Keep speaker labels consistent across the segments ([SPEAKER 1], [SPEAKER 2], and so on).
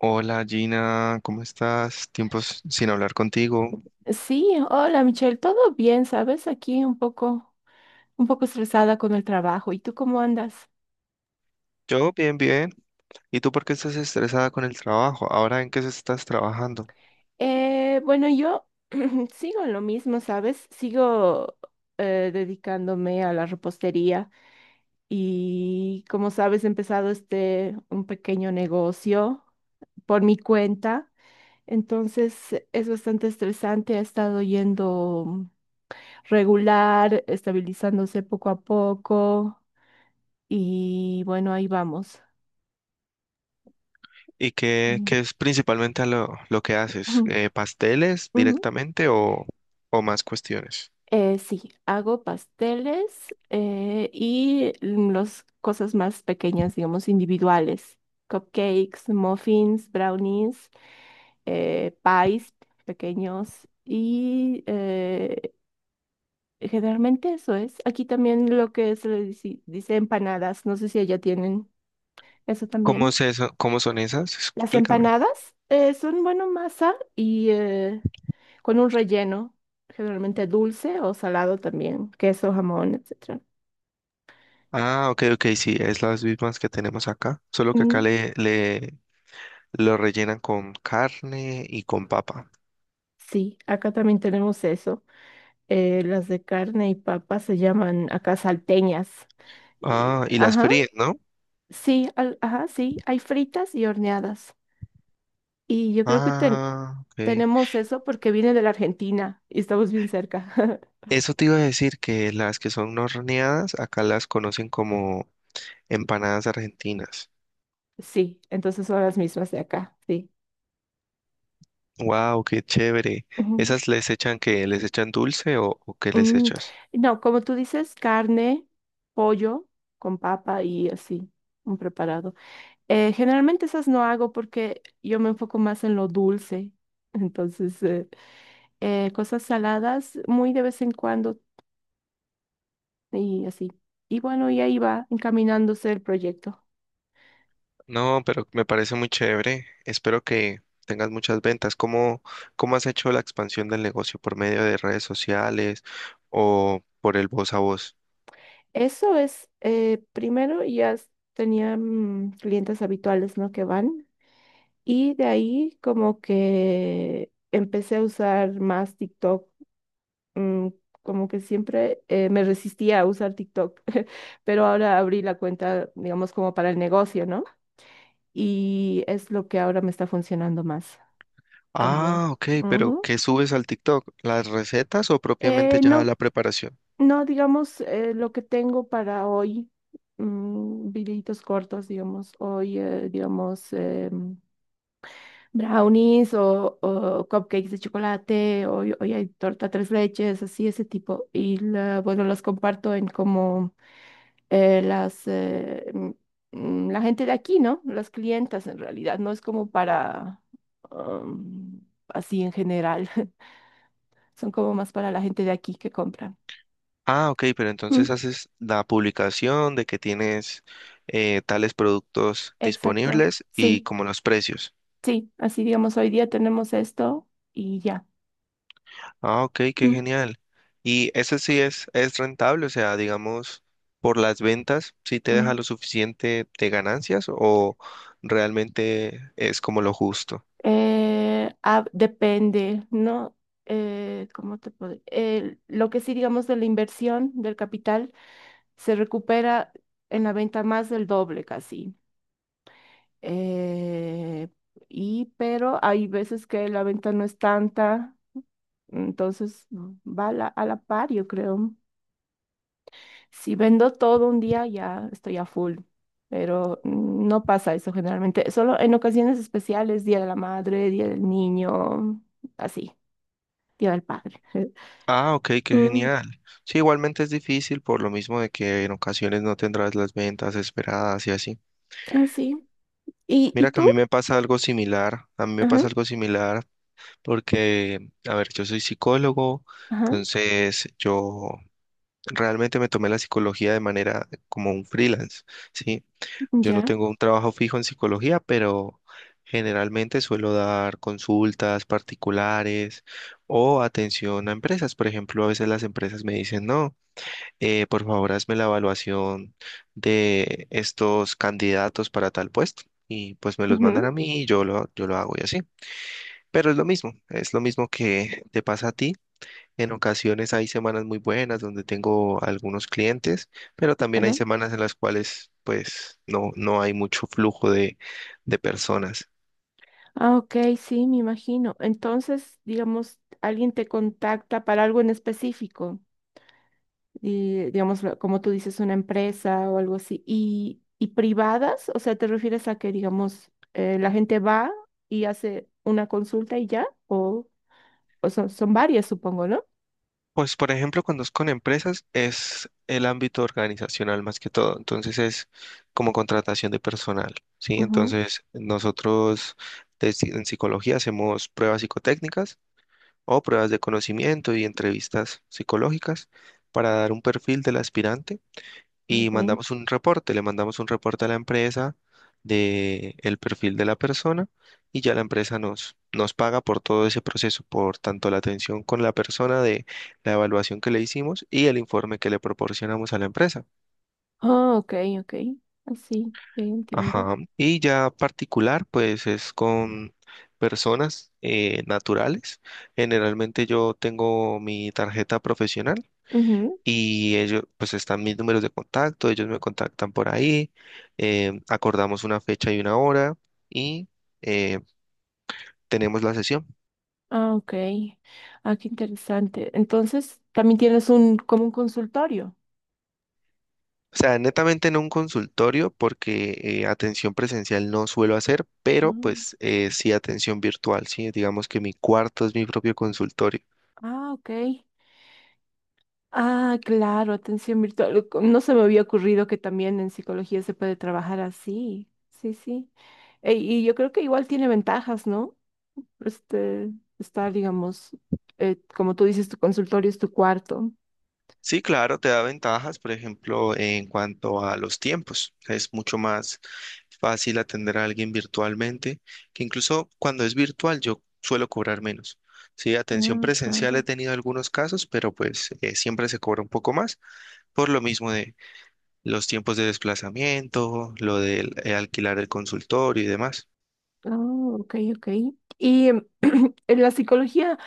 [SPEAKER 1] Hola Gina, ¿cómo estás? Tiempos sin hablar contigo.
[SPEAKER 2] Sí, hola Michelle, todo bien, ¿sabes? Aquí un poco estresada con el trabajo. ¿Y tú cómo andas?
[SPEAKER 1] Yo bien, bien. ¿Y tú por qué estás estresada con el trabajo? ¿Ahora en qué estás trabajando?
[SPEAKER 2] Bueno, yo sigo en lo mismo, ¿sabes? Sigo dedicándome a la repostería y, como sabes, he empezado este un pequeño negocio por mi cuenta. Entonces es bastante estresante, ha estado yendo regular, estabilizándose poco a poco y bueno, ahí vamos.
[SPEAKER 1] ¿Y qué es principalmente a lo que
[SPEAKER 2] Ujú,
[SPEAKER 1] haces? ¿Pasteles
[SPEAKER 2] ujú.
[SPEAKER 1] directamente o más cuestiones?
[SPEAKER 2] Sí, hago pasteles y las cosas más pequeñas, digamos, individuales. Cupcakes, muffins, brownies, pies pequeños y generalmente eso es. Aquí también lo que se le dice empanadas, no sé si allá tienen eso
[SPEAKER 1] ¿Cómo
[SPEAKER 2] también.
[SPEAKER 1] es eso? ¿Cómo son esas?
[SPEAKER 2] Las
[SPEAKER 1] Explícame.
[SPEAKER 2] empanadas son, bueno, masa y... con un relleno, generalmente dulce o salado también, queso, jamón, etcétera.
[SPEAKER 1] Ah, ok, ok, sí, es las mismas que tenemos acá, solo que acá
[SPEAKER 2] Mm,
[SPEAKER 1] le lo rellenan con carne y con papa.
[SPEAKER 2] sí, acá también tenemos eso. Las de carne y papa se llaman acá salteñas.
[SPEAKER 1] Ah, y las
[SPEAKER 2] Ajá,
[SPEAKER 1] fríen, ¿no?
[SPEAKER 2] sí, ajá, sí, hay fritas y horneadas. Y yo creo que
[SPEAKER 1] Ah, ok.
[SPEAKER 2] tenemos eso porque viene de la Argentina y estamos bien cerca.
[SPEAKER 1] Eso te iba a decir que las que son no horneadas, acá las conocen como empanadas argentinas.
[SPEAKER 2] Sí, entonces son las mismas de acá, sí.
[SPEAKER 1] Wow, qué chévere.
[SPEAKER 2] Ujú.
[SPEAKER 1] ¿Esas les echan que les echan dulce o qué les
[SPEAKER 2] Mm,
[SPEAKER 1] echas?
[SPEAKER 2] no, como tú dices, carne, pollo con papa y así, un preparado. Generalmente esas no hago porque yo me enfoco más en lo dulce. Entonces, cosas saladas muy de vez en cuando y así. Y bueno, y ahí va encaminándose el proyecto.
[SPEAKER 1] No, pero me parece muy chévere. Espero que tengas muchas ventas. ¿Cómo, cómo has hecho la expansión del negocio? ¿Por medio de redes sociales o por el voz a voz?
[SPEAKER 2] Eso es, primero ya tenía clientes habituales, ¿no? Que van. Y de ahí como que empecé a usar más TikTok, mm, como que siempre me resistía a usar TikTok, pero ahora abrí la cuenta, digamos, como para el negocio, ¿no? Y es lo que ahora me está funcionando más también.
[SPEAKER 1] Ah, ok, pero
[SPEAKER 2] Ujú.
[SPEAKER 1] ¿qué subes al TikTok? ¿Las recetas o propiamente ya
[SPEAKER 2] No,
[SPEAKER 1] la preparación?
[SPEAKER 2] no, digamos, lo que tengo para hoy, videitos cortos, digamos, hoy, digamos, brownies o cupcakes de chocolate, hoy hay torta tres leches, así, ese tipo. Y bueno, los comparto en como eh, las, eh, mm, la gente de aquí, ¿no? Las clientas en realidad, no es como para um, así en general, son como más para la gente de aquí que compran.
[SPEAKER 1] Ah, ok, pero entonces
[SPEAKER 2] Mm,
[SPEAKER 1] haces la publicación de que tienes tales productos
[SPEAKER 2] exacto,
[SPEAKER 1] disponibles y
[SPEAKER 2] sí,
[SPEAKER 1] como los precios.
[SPEAKER 2] sí, así digamos, hoy día tenemos esto y ya.
[SPEAKER 1] Ah, ok, qué
[SPEAKER 2] Mm,
[SPEAKER 1] genial. Y ese sí es rentable, o sea, digamos, por las ventas, ¿sí te deja
[SPEAKER 2] mm.
[SPEAKER 1] lo suficiente de ganancias o realmente es como lo justo?
[SPEAKER 2] Depende, ¿no? Lo que sí digamos de la inversión del capital se recupera en la venta más del doble casi. eh, y pero hay veces que la venta no es tanta, entonces va a a la par, yo creo. Si vendo todo un día, ya estoy a full, pero no pasa eso generalmente, solo en ocasiones especiales, Día de la Madre, Día del Niño, así, Día del Padre.
[SPEAKER 1] Ah, ok, qué
[SPEAKER 2] Mm,
[SPEAKER 1] genial. Sí, igualmente es difícil por lo mismo de que en ocasiones no tendrás las ventas esperadas y así.
[SPEAKER 2] así. Y
[SPEAKER 1] Mira que a
[SPEAKER 2] tú?
[SPEAKER 1] mí me pasa algo similar, a mí me
[SPEAKER 2] Ajá,
[SPEAKER 1] pasa algo similar porque, a ver, yo soy psicólogo,
[SPEAKER 2] ajá,
[SPEAKER 1] entonces yo realmente me tomé la psicología de manera como un freelance, ¿sí? Yo no
[SPEAKER 2] ya.
[SPEAKER 1] tengo un trabajo fijo en psicología, pero generalmente suelo dar consultas particulares o atención a empresas. Por ejemplo, a veces las empresas me dicen, no, por favor hazme la evaluación de estos candidatos para tal puesto. Y pues me los mandan
[SPEAKER 2] Ujú,
[SPEAKER 1] a mí y yo lo hago y así. Pero es lo mismo que te pasa a ti. En ocasiones hay semanas muy buenas donde tengo algunos clientes, pero también hay
[SPEAKER 2] claro.
[SPEAKER 1] semanas en las cuales pues no, no hay mucho flujo de personas.
[SPEAKER 2] Ah, ok, sí, me imagino. Entonces, digamos, alguien te contacta para algo en específico, y, digamos, como tú dices, una empresa o algo así. Y privadas? O sea, ¿te refieres a que, digamos, la gente va y hace una consulta y ya? O son, son varias, supongo, ¿no?
[SPEAKER 1] Pues por ejemplo, cuando es con empresas es el ámbito organizacional más que todo, entonces es como contratación de personal, ¿sí?
[SPEAKER 2] Ujú,
[SPEAKER 1] Entonces nosotros en psicología hacemos pruebas psicotécnicas o pruebas de conocimiento y entrevistas psicológicas para dar un perfil del aspirante y
[SPEAKER 2] ok.
[SPEAKER 1] mandamos un reporte, le mandamos un reporte a la empresa de el perfil de la persona y ya la empresa nos paga por todo ese proceso, por tanto la atención con la persona de la evaluación que le hicimos y el informe que le proporcionamos a la empresa.
[SPEAKER 2] Ah, ok, ok. Así, ya entiendo.
[SPEAKER 1] Ajá. Y ya particular, pues es con personas naturales. Generalmente yo tengo mi tarjeta profesional.
[SPEAKER 2] Ujú.
[SPEAKER 1] Y ellos, pues están mis números de contacto, ellos me contactan por ahí, acordamos una fecha y una hora y eh, tenemos la sesión.
[SPEAKER 2] Ah, ok. Ah, qué interesante. Entonces, también tienes un, como un consultorio.
[SPEAKER 1] O sea, netamente en un consultorio porque atención presencial no suelo hacer, pero pues
[SPEAKER 2] Ah.
[SPEAKER 1] sí atención virtual, sí, digamos que mi cuarto es mi propio consultorio.
[SPEAKER 2] Ah, ok. Ah, claro, atención virtual. No se me había ocurrido que también en psicología se puede trabajar así. Sí, sí. Y yo creo que igual tiene ventajas, ¿no? Este, Estar, digamos, como tú dices, tu consultorio es tu cuarto.
[SPEAKER 1] Sí, claro, te da ventajas, por ejemplo, en cuanto a los tiempos. Es mucho más fácil atender a alguien virtualmente, que incluso cuando es virtual yo suelo cobrar menos. Sí, atención
[SPEAKER 2] Ah,
[SPEAKER 1] presencial he
[SPEAKER 2] claro.
[SPEAKER 1] tenido algunos casos, pero pues siempre se cobra un poco más por lo mismo de los tiempos de desplazamiento, lo del alquilar el consultorio y demás.
[SPEAKER 2] Ah, ok, ok. Y en la psicología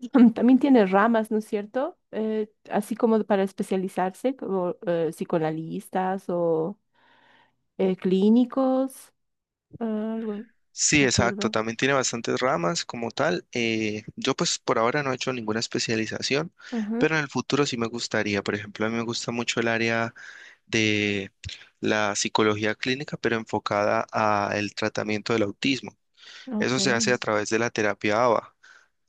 [SPEAKER 2] también tiene ramas, ¿no es cierto? Así como para especializarse, como psicoanalistas o clínicos. Ah, algo,
[SPEAKER 1] Sí,
[SPEAKER 2] me
[SPEAKER 1] exacto.
[SPEAKER 2] acuerdo.
[SPEAKER 1] También tiene bastantes ramas como tal. Yo pues por ahora no he hecho ninguna especialización,
[SPEAKER 2] Ajá,
[SPEAKER 1] pero en el futuro sí me gustaría. Por ejemplo, a mí me gusta mucho el área de la psicología clínica, pero enfocada al tratamiento del autismo.
[SPEAKER 2] ok.
[SPEAKER 1] Eso se hace a través de la terapia ABA.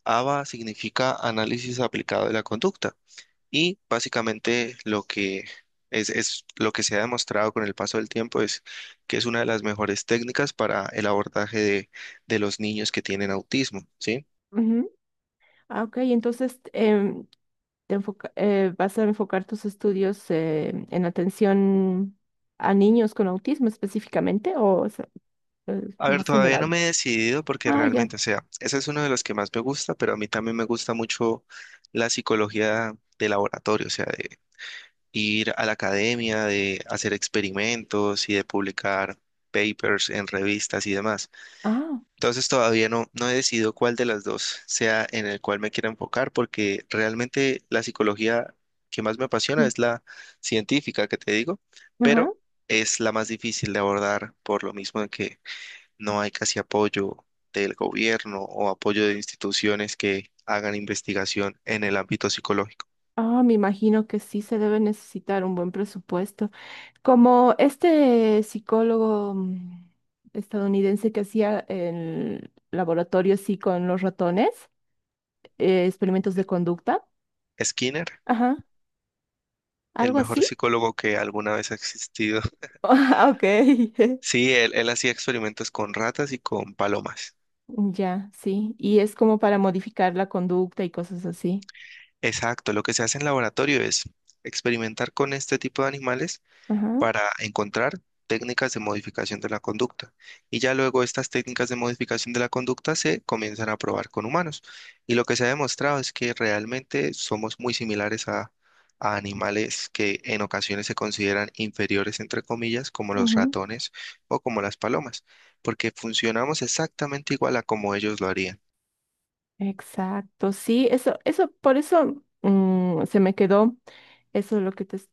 [SPEAKER 1] ABA significa análisis aplicado de la conducta. Y básicamente lo que es lo que se ha demostrado con el paso del tiempo es que es una de las mejores técnicas para el abordaje de los niños que tienen autismo, ¿sí?
[SPEAKER 2] Ujú. Ah, ok, entonces vas a enfocar tus estudios en atención a niños con autismo específicamente o es
[SPEAKER 1] A ver,
[SPEAKER 2] más
[SPEAKER 1] todavía no
[SPEAKER 2] general.
[SPEAKER 1] me he decidido porque
[SPEAKER 2] Ah, ya.
[SPEAKER 1] realmente, o sea, ese es uno de los que más me gusta, pero a mí también me gusta mucho la psicología de laboratorio, o sea, de ir a la academia, de hacer experimentos y de publicar papers en revistas y demás.
[SPEAKER 2] Ah,
[SPEAKER 1] Entonces todavía no, no he decidido cuál de las dos sea en el cual me quiera enfocar, porque realmente la psicología que más me apasiona
[SPEAKER 2] ujú,
[SPEAKER 1] es la científica que te digo,
[SPEAKER 2] ajá.
[SPEAKER 1] pero es la más difícil de abordar por lo mismo de que no hay casi apoyo del gobierno o apoyo de instituciones que hagan investigación en el ámbito psicológico.
[SPEAKER 2] Ah, me imagino que sí se debe necesitar un buen presupuesto. Como este psicólogo estadounidense que hacía el laboratorio así con los ratones. Experimentos de conducta,
[SPEAKER 1] Skinner,
[SPEAKER 2] ajá,
[SPEAKER 1] el
[SPEAKER 2] algo
[SPEAKER 1] mejor
[SPEAKER 2] así.
[SPEAKER 1] psicólogo que alguna vez ha existido.
[SPEAKER 2] Ah, ok.
[SPEAKER 1] Sí, él hacía experimentos con ratas y con palomas.
[SPEAKER 2] Ya, sí, y es como para modificar la conducta y cosas así.
[SPEAKER 1] Exacto, lo que se hace en laboratorio es experimentar con este tipo de animales
[SPEAKER 2] Ajá,
[SPEAKER 1] para encontrar técnicas de modificación de la conducta. Y ya luego estas técnicas de modificación de la conducta se comienzan a probar con humanos. Y lo que se ha demostrado es que realmente somos muy similares a animales que en ocasiones se consideran inferiores, entre comillas, como los
[SPEAKER 2] ujú,
[SPEAKER 1] ratones o como las palomas, porque funcionamos exactamente igual a como ellos lo harían.
[SPEAKER 2] exacto, sí, eso, por eso se me quedó, eso es lo que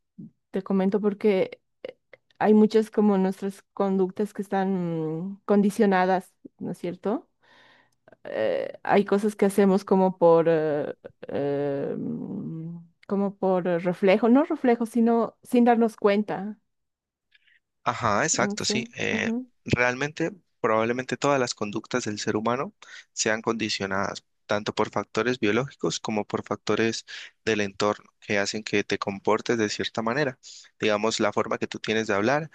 [SPEAKER 2] te comento, porque hay muchas como nuestras conductas que están condicionadas, ¿no es cierto? Hay cosas que hacemos como eh, mm, como por reflejo, no reflejo, sino sin darnos cuenta.
[SPEAKER 1] Ajá,
[SPEAKER 2] No
[SPEAKER 1] exacto, sí.
[SPEAKER 2] sé. Ujú,
[SPEAKER 1] Realmente, probablemente todas las conductas del ser humano sean condicionadas tanto por factores biológicos como por factores del entorno que hacen que te comportes de cierta manera. Digamos, la forma que tú tienes de hablar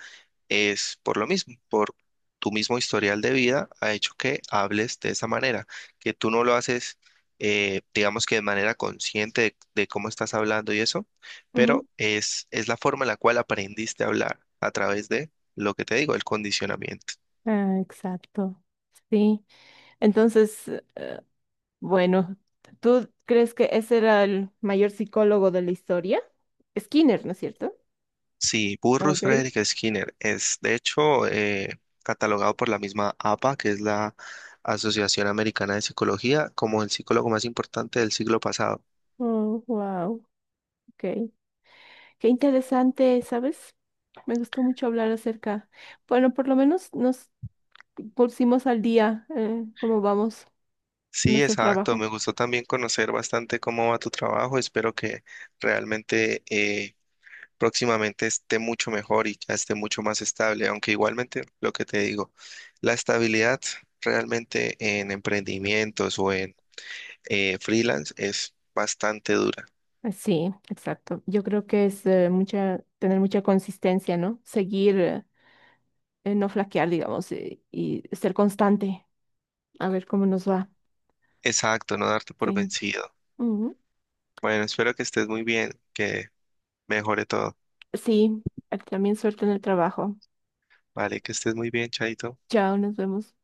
[SPEAKER 1] es por lo mismo, por tu mismo historial de vida ha hecho que hables de esa manera, que tú no lo haces, digamos que de manera consciente de cómo estás hablando y eso, pero
[SPEAKER 2] ujú.
[SPEAKER 1] es la forma en la cual aprendiste a hablar a través de lo que te digo, el condicionamiento.
[SPEAKER 2] Ah, exacto. Sí. Entonces, bueno, ¿tú crees que ese era el mayor psicólogo de la historia? Skinner, ¿no es cierto?
[SPEAKER 1] Sí, Burrus
[SPEAKER 2] Ok.
[SPEAKER 1] Frederick Skinner es de hecho catalogado por la misma APA, que es la Asociación Americana de Psicología, como el psicólogo más importante del siglo pasado.
[SPEAKER 2] Oh, wow. Ok. Qué interesante, ¿sabes? Me gustó mucho hablar acerca. Bueno, por lo menos nos pusimos al día cómo vamos con
[SPEAKER 1] Sí,
[SPEAKER 2] nuestro
[SPEAKER 1] exacto.
[SPEAKER 2] trabajo.
[SPEAKER 1] Me gustó también conocer bastante cómo va tu trabajo. Espero que realmente próximamente esté mucho mejor y ya esté mucho más estable. Aunque igualmente lo que te digo, la estabilidad realmente en emprendimientos o en freelance es bastante dura.
[SPEAKER 2] Sí, exacto. Yo creo que es tener mucha consistencia, ¿no? Seguir, no flaquear, digamos, y ser constante, a ver cómo nos va.
[SPEAKER 1] Exacto, no darte por
[SPEAKER 2] Sí.
[SPEAKER 1] vencido.
[SPEAKER 2] Ujú.
[SPEAKER 1] Bueno, espero que estés muy bien, que mejore todo.
[SPEAKER 2] Sí, también suerte en el trabajo.
[SPEAKER 1] Vale, que estés muy bien, Chaito.
[SPEAKER 2] Chao, nos vemos.